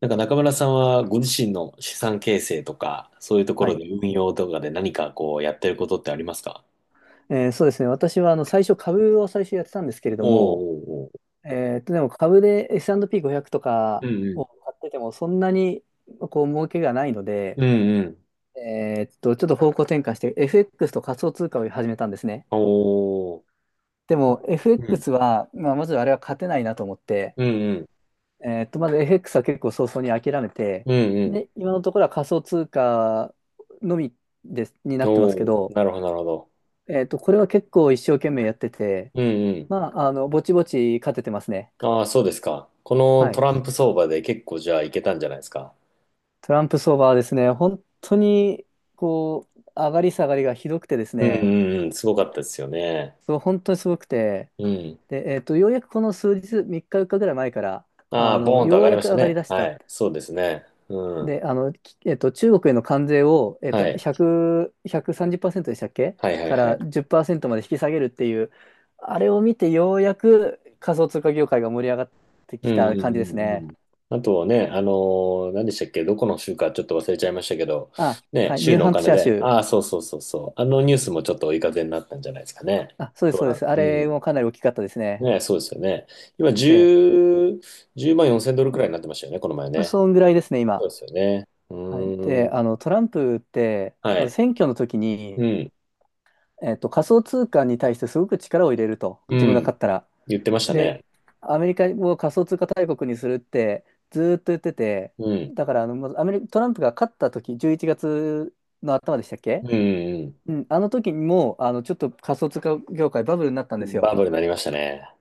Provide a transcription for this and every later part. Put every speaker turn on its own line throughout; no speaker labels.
なんか中村さんはご自身の資産形成とか、そういうとこ
は
ろ
い。
で運用とかで何かこうやってることってありますか？
そうですね。私は、最初、株を最初やってたんですけれ
お
ど
ー
も、
おーおー。
でも株で S&P500 と
う
か
んうん。
を買ってても、そんなに、儲けがないので、
うんうん。
ちょっと方向転換して、FX と仮想通貨を始めたんですね。
おー。
でも、
うん。
FX は、まあ、まずあれは勝てないなと思って、
うんうん。
まず FX は結構早々に諦めて、
うんうん。
で、今のところは仮想通貨のみです、になってま
お
すけ
ー。
ど、
なるほど、なるほど。
これは結構一生懸命やってて、
うんうん。
まあ、ぼちぼち勝ててますね。
ああ、そうですか。この
は
ト
い。
ランプ相場で結構じゃあいけたんじゃないですか？
トランプ相場はですね、本当に、上がり下がりがひどくてです
うんう
ね、
んうん。すごかったですよね。
そう、本当にすごくて、
うん。
で、ようやくこの数日、3日、4日ぐらい前から、
ああ、ボーンと上
よう
がり
や
ま
く
した
上がり
ね。
出し
は
た。
い。そうですね。うん。
で、あの、きえっと、中国への関税を、
はい。
1パーセ30でしたっけ？
はいはい
か
は
ら
い。
10%まで引き下げるっていう、あれを見て、ようやく仮想通貨業界が盛り上がって
う
き
んうん
た感じです
うんう
ね。
ん。あとね、何でしたっけ、どこの州かちょっと忘れちゃいましたけど、
あ、
ね、
はい、ニ
州
ュー
のお
ハンプ
金
シャー
で、
州。
ああ、そうそうそうそう、あのニュースもちょっと追い風になったんじゃないですかね。
あ、そうです、
どう
そうで
なる
す。あ
う
れ
ん。
もかなり大きかったですね。
ね、そうですよね。今、
で、
10、万4千ドルくらいになってましたよね、この前
まあ
ね。
そんぐらいですね、
そ
今。
うですよね。う
はい。で、
ーん。
トランプって、
は
まず
い。
選挙の時に、
うん。
仮想通貨に対してすごく力を入れると、
う
自分が
ん。
勝ったら。
言ってました
で、
ね。
アメリカを仮想通貨大国にするってずーっと言ってて、
うん。
だから、まずアメリカ、トランプが勝った時、11月の頭でしたっ
う
け？
んうん
うん、あの時にも、ちょっと仮想通貨業界バブルになったん
う
です
ん。
よ。
バブルになりましたね。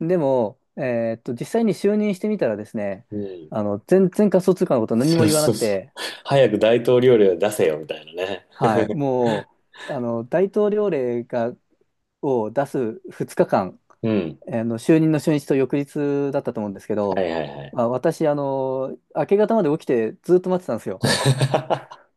でも、実際に就任してみたらですね、
うん。
全然仮想通貨のこと何
そ
も
う
言わな
そう
く
そう。
て、
早く大統領令を出せよ、みたいなね。
はい、もう、大統領令を出す2日間、
うん。
就任の初日と翌日だったと思うんですけ
は
ど、
いはいはい。
まあ、私、明け方まで起きてずっと待ってたんですよ。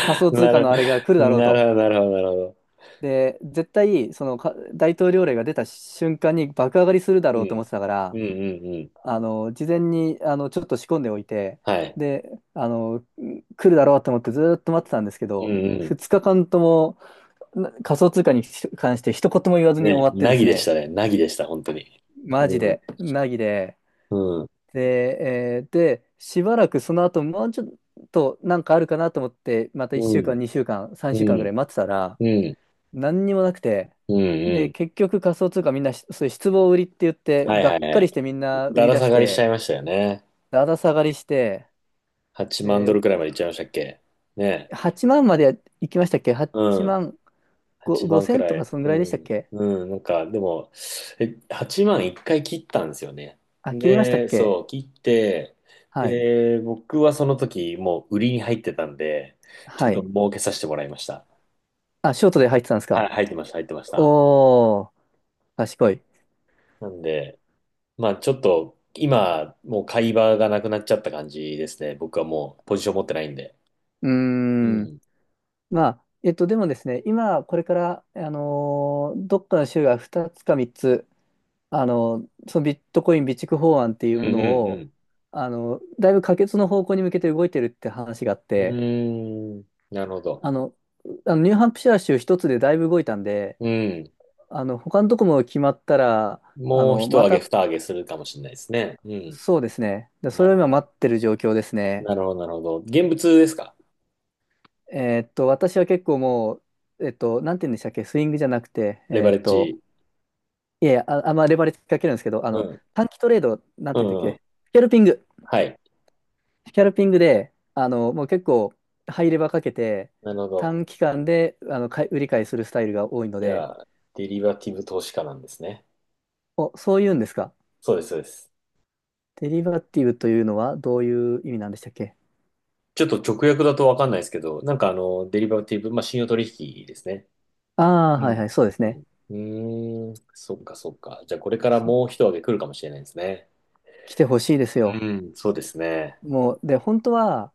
仮想通
な
貨
る、
のあれが来るだろう
なるほ
と。
ど、なるほど、なるほど。
で、絶対、大統領令が出た瞬間に爆上がりするだ
う
ろうと
ん。
思ってたか
うん
ら、
うんうん。
事前に、ちょっと仕込んでおいて、
はい。
で、あの、来るだろうと思ってずーっと待ってたんですけ
うん
ど、
うん。
2日間とも仮想通貨に関して一言も言わずに
ね、
終わってで
なぎ
す
でした
ね、
ね。なぎでした、本当に。
マジ
うん。
で、なぎで、
うん。
で、しばらくその後、もうちょっとなんかあるかなと思って、また1
う
週
ん。
間、2週間、
う
3週間ぐ
ん。
らい待ってたら、
うん。
何にもなくて、
うんう
で、
ん。
結局仮想通貨みんなし、そういう失望売りって言って、
はい
が
はい
っか
は
りし
い。
てみんな売
だ
り
ら
出
下
し
がりしちゃい
て、
ましたよね。
だだ下がりして、
8万
で、
ドルくらいまでいっちゃいましたっけね。
8万まで行きましたっけ？ 8
うん。
万
8
5、
万く
千と
ら
か
い。
そんぐ
う
らいでしたっ
ん。
け？
うん。なんか、でも、え、8万1回切ったんですよね。
あ、切りましたっ
で、
け？
そう、切って、
はい。
で、僕はその時、もう売りに入ってたんで、ちょ
は
っと
い。
儲けさせてもらいました。
あ、ショートで入ってたんです
はい、
か？
入ってました、入ってました。
おー、賢い。
なんで、まあちょっと、今、もう買い場がなくなっちゃった感じですね。僕はもうポジション持ってないんで。
うー
う
ん。
ん。
まあ、でもですね、今、これから、どっかの州が2つか3つ、あのそのビットコイン備蓄法案っていう
う
も
ん
の
う
を、
ん
だいぶ可決の方向に向けて動いてるって話があっ
う
て、
ん。うーん。なるほど。
あの、あのニューハンプシャー州一つでだいぶ動いたんで、
うん。
他のとこも決まったら、
もう一
ま
上げ
た、
二上げするかもしれないですね。うん。
そうですね。で、そ
な
れを
るほ
今
ど。
待ってる状況ですね。
なるほど、なるほど。現物ですか？
私は結構もう、なんて言うんでしたっけ、スイングじゃなくて、
レバレッジ。
いやいや、あ、あんまレバレッジかけるんですけど、
うん。
短期トレード、なん
う
て言うんだっ
ん、うん。
け、スキャルピング。
はい。
スキャルピングで、もう結構、ハイレバーかけて、
なるほど。
短期間で、買い売り買いするスタイルが多いの
じ
で、
ゃあ、デリバティブ投資家なんですね。
お、そういうんですか。
そうです、そうです。
デリバティブというのはどういう意味なんでしたっけ？
ちょっと直訳だとわかんないですけど、なんかデリバティブ、まあ、信用取引ですね。
ああー、
う
はいは
ん。
い、そうです
う
ね。
ん。うーん。そっか、そっか。じゃあ、これからもう一上げ来るかもしれないですね。
来てほしいですよ。
うん。そうですね。
もう、で、本当は、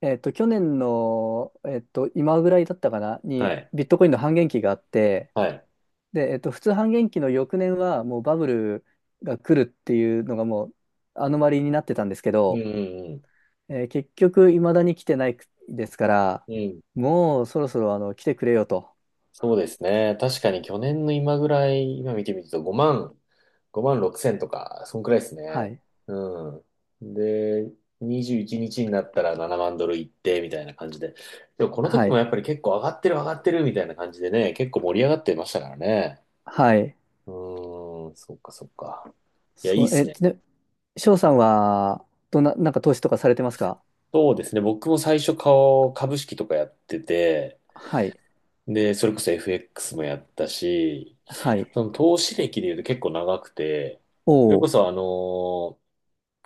去年の、今ぐらいだったかな、
は
に、
い。
ビットコインの半減期があって、
はい。
で、普通半減期の翌年は、もうバブルが来るっていうのが、もう、アノマリーになってたんですけ
う
ど、
ん、うん、
結局、未だに来てないですから、
うん。うん
もう、そろそろ、来てくれよと。
そうですね。確かに去年の今ぐらい、今見てみると5万、5万6千とか、そんくらいです
は
ね。
い。
うん。で、21日にちになったら7万ドルいって、みたいな感じで。でもこの時
は
も
い。
やっぱり結構上がってる上がってるみたいな感じでね、結構盛り上がってましたからね。
はい。
うーん、そっかそっか。いや、い
そ
いっ
う、
すね。
で、翔さんは、どんな、なんか投資とかされてますか？
そうですね。僕も最初顔、株式とかやってて、
はい。
で、それこそ FX もやったし、
はい。
その投資歴で言うと結構長くて、
お
それこ
お。
そあの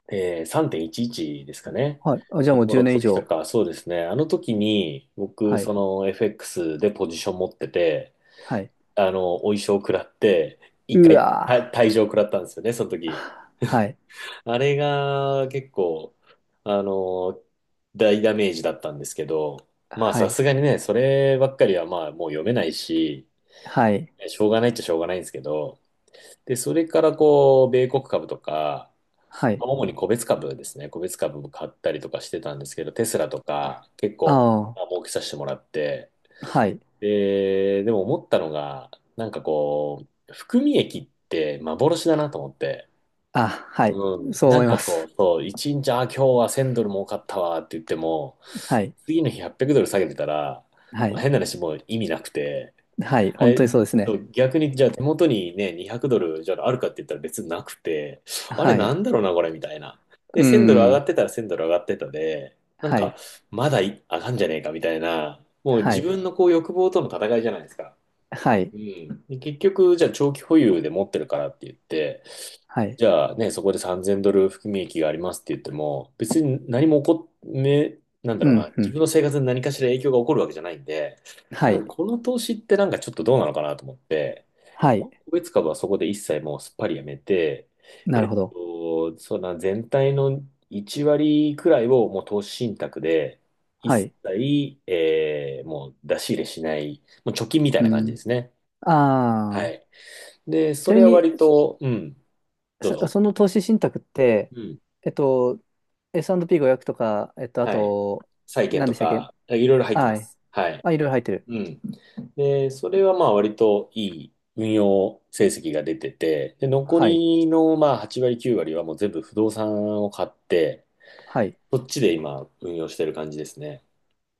ーえー3.11ですかね。
はい。あ、じゃあ
の
もう10
頃の
年以
時と
上。
か、そうですね。あの時に僕、
は
そ
い。
の FX でポジション持ってて、
はい。
お衣装食らって、一
う
回
わ
退場食らったんですよね、その時。
ぁ。はい。
あれが結構、あの大ダメージだったんですけど、まあ
は
さ
い。
すがにね、そればっかりはまあもう読めないし、
はい。
しょうがないっちゃしょうがないんですけど、で、それからこう、米国株とか、
はい。
まあ主に個別株ですね、個別株も買ったりとかしてたんですけど、テスラとか結
あ
構、まあ、
あ。
儲けさせてもらって、
はい。
で、でも思ったのが、なんかこう、含み益って幻だなと思って、
あ、はい。
うん、
そう
な
思
ん
い
か
ま
こう、
す。
そう、一日、あ、今日は1000ドル儲かったわって言っても、
はい。
次の日800ドル下げてたら、
は
まあ、
い。
変な話もう意味なくて、
はい。
あ
本当
れ、ち
にそうです
ょっと
ね。
逆に、じゃあ手元にね、200ドル、じゃああるかって言ったら別になくて、あれ
は
な
い。
んだろうな、これ、みたいな。
う
で、
ー
1000ドル上が
ん。
ってたら1000ドル上がってたで、なん
は
か、
い。
まだい上がんじゃねえか、みたいな、もう
は
自
い。
分のこう欲望との戦いじゃないですか。
はい。
うん。で結局、じゃあ長期保有で持ってるからって言って、
はい。
じゃあね、そこで3000ドル含み益がありますって言っても、別に何も起こっ、め、なんだ
う
ろうな、
ん。う
自分
ん。
の生活に何かしら影響が起こるわけじゃないんで、
は
なん
い。
かこの投資ってなんかちょっとどうなのかなと思って、
はい。
個別株はそこで一切もうすっぱりやめて、
なるほど。
そうだな、全体の1割くらいをもう投資信託で、
は
一
い。
切、もう出し入れしない、もう貯金みたい
う
な感じで
ん。
すね。は
ああ。
い。で、
ち
そ
なみ
れは
に、
割と、うん、どう
そ、
ぞ。
その投資信託って、
うん。
えっと、S&P500 とか、あ
はい。
と、
債券
何で
と
したっけ？
か、いろいろ入ってま
はい。
す。はい。
あ、いろいろ入ってる。
うん。で、それはまあ割といい運用成績が出てて、で、残
はい。
りのまあ8割、9割はもう全部不動産を買って、
はい。
そっちで今運用してる感じですね。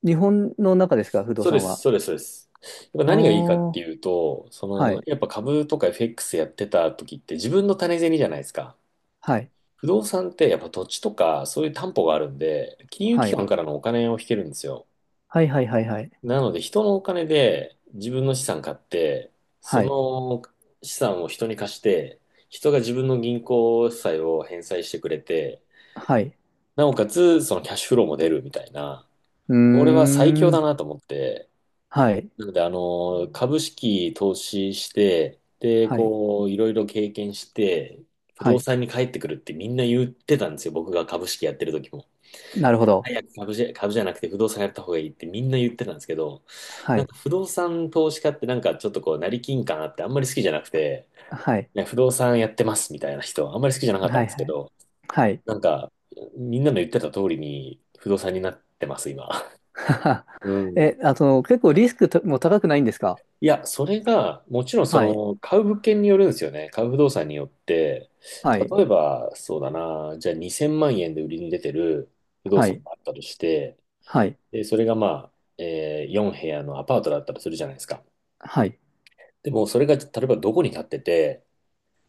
日本の中ですか、不動
そうで
産
す、
は？
そうです、そうです。やっぱ
あ
何がいいかって
ー、
いうと、そ
は
の、
い。
やっぱ株とか FX やってた時って自分の種銭じゃないですか。
はい。
不動産ってやっぱ土地とかそういう担保があるんで、金融
は
機
い。
関からのお金を引けるんですよ。
はいはいはいはい。
なので、人のお金で自分の資産買って、そ
はい。
の資産を人に貸して、人が自分の銀行債を返済してくれて、
はい。
なおかつ、そのキャッシュフローも出るみたいな、
うー
これは最強だ
ん。
なと思って、
はい。
なので、株式投資して、で、
はい。
こう、いろいろ経験して、不
は
動
い。
産に帰ってくるってみんな言ってたんですよ、僕が株式やってる時も。
なるほど。
早く株じゃなくて不動産やった方がいいってみんな言ってたんですけど、
は
なん
い。
か不動産投資家ってなんかちょっとこう、成金感あってあんまり好きじゃなくて、
はい。
いや不動産やってますみたいな人、あんまり好きじゃなかったん
はい
です
は
け
い。
ど、
はい。
なんか、みんなの言ってた通りに不動産になってます、今。
はは。
うん。
え、あと、結構リスクとも高くないんですか？
いや、それが、もちろんそ
はい。
の、買う物件によるんですよね。買う不動産によって、
はい。
例えば、そうだな、じゃあ2000万円で売りに出てる不動
は
産
い。
があったとして、
はい。
で、それがまあ、4部屋のアパートだったとするじゃないですか。
はい。
でも、それが例えばどこに建ってて、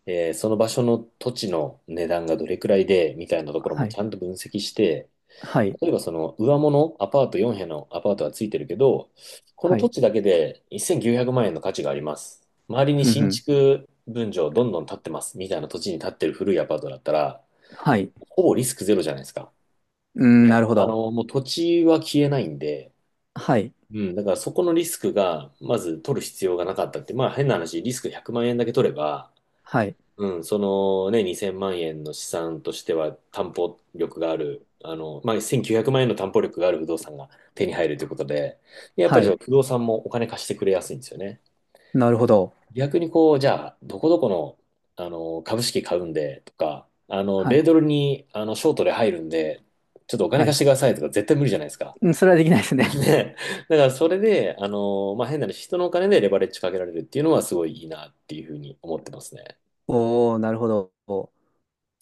その場所の土地の値段がどれくらいで、みたいなところ
は
もち
い。
ゃんと分析して、
はい。
例えばその上物、アパート4部屋のアパートはついてるけど、この
は
土
い。
地だけで1900万円の価値があります。周りに
ふんふ
新
ん。
築分譲どんどん建ってます、みたいな土地に建ってる古いアパートだったら、
はい。
ほぼリスクゼロじゃないですか。
うーん、
ね、
なるほど。
もう土地は消えないんで、
はい。
うん、だからそこのリスクが、まず取る必要がなかったって、まあ変な話、リスク100万円だけ取れば、
はい。
うん、そのね、2000万円の資産としては担保力がある、まあ1900万円の担保力がある不動産が手に入るということで、でやっぱ
は
りそ
い。
の不動産もお金貸してくれやすいんですよね。
なるほど。
逆にこう、じゃあ、どこどこの、株式買うんでとか、
は
米
い。
ドルに、ショートで入るんで、ちょっとお金
は
貸
い。
してくださいとか絶対無理じゃないですか。
うん、それはできないです ね。
ね、だからそれで、まあ、変な話、人のお金でレバレッジかけられるっていうのはすごいいいなっていうふうに思ってますね。
おー、なるほど。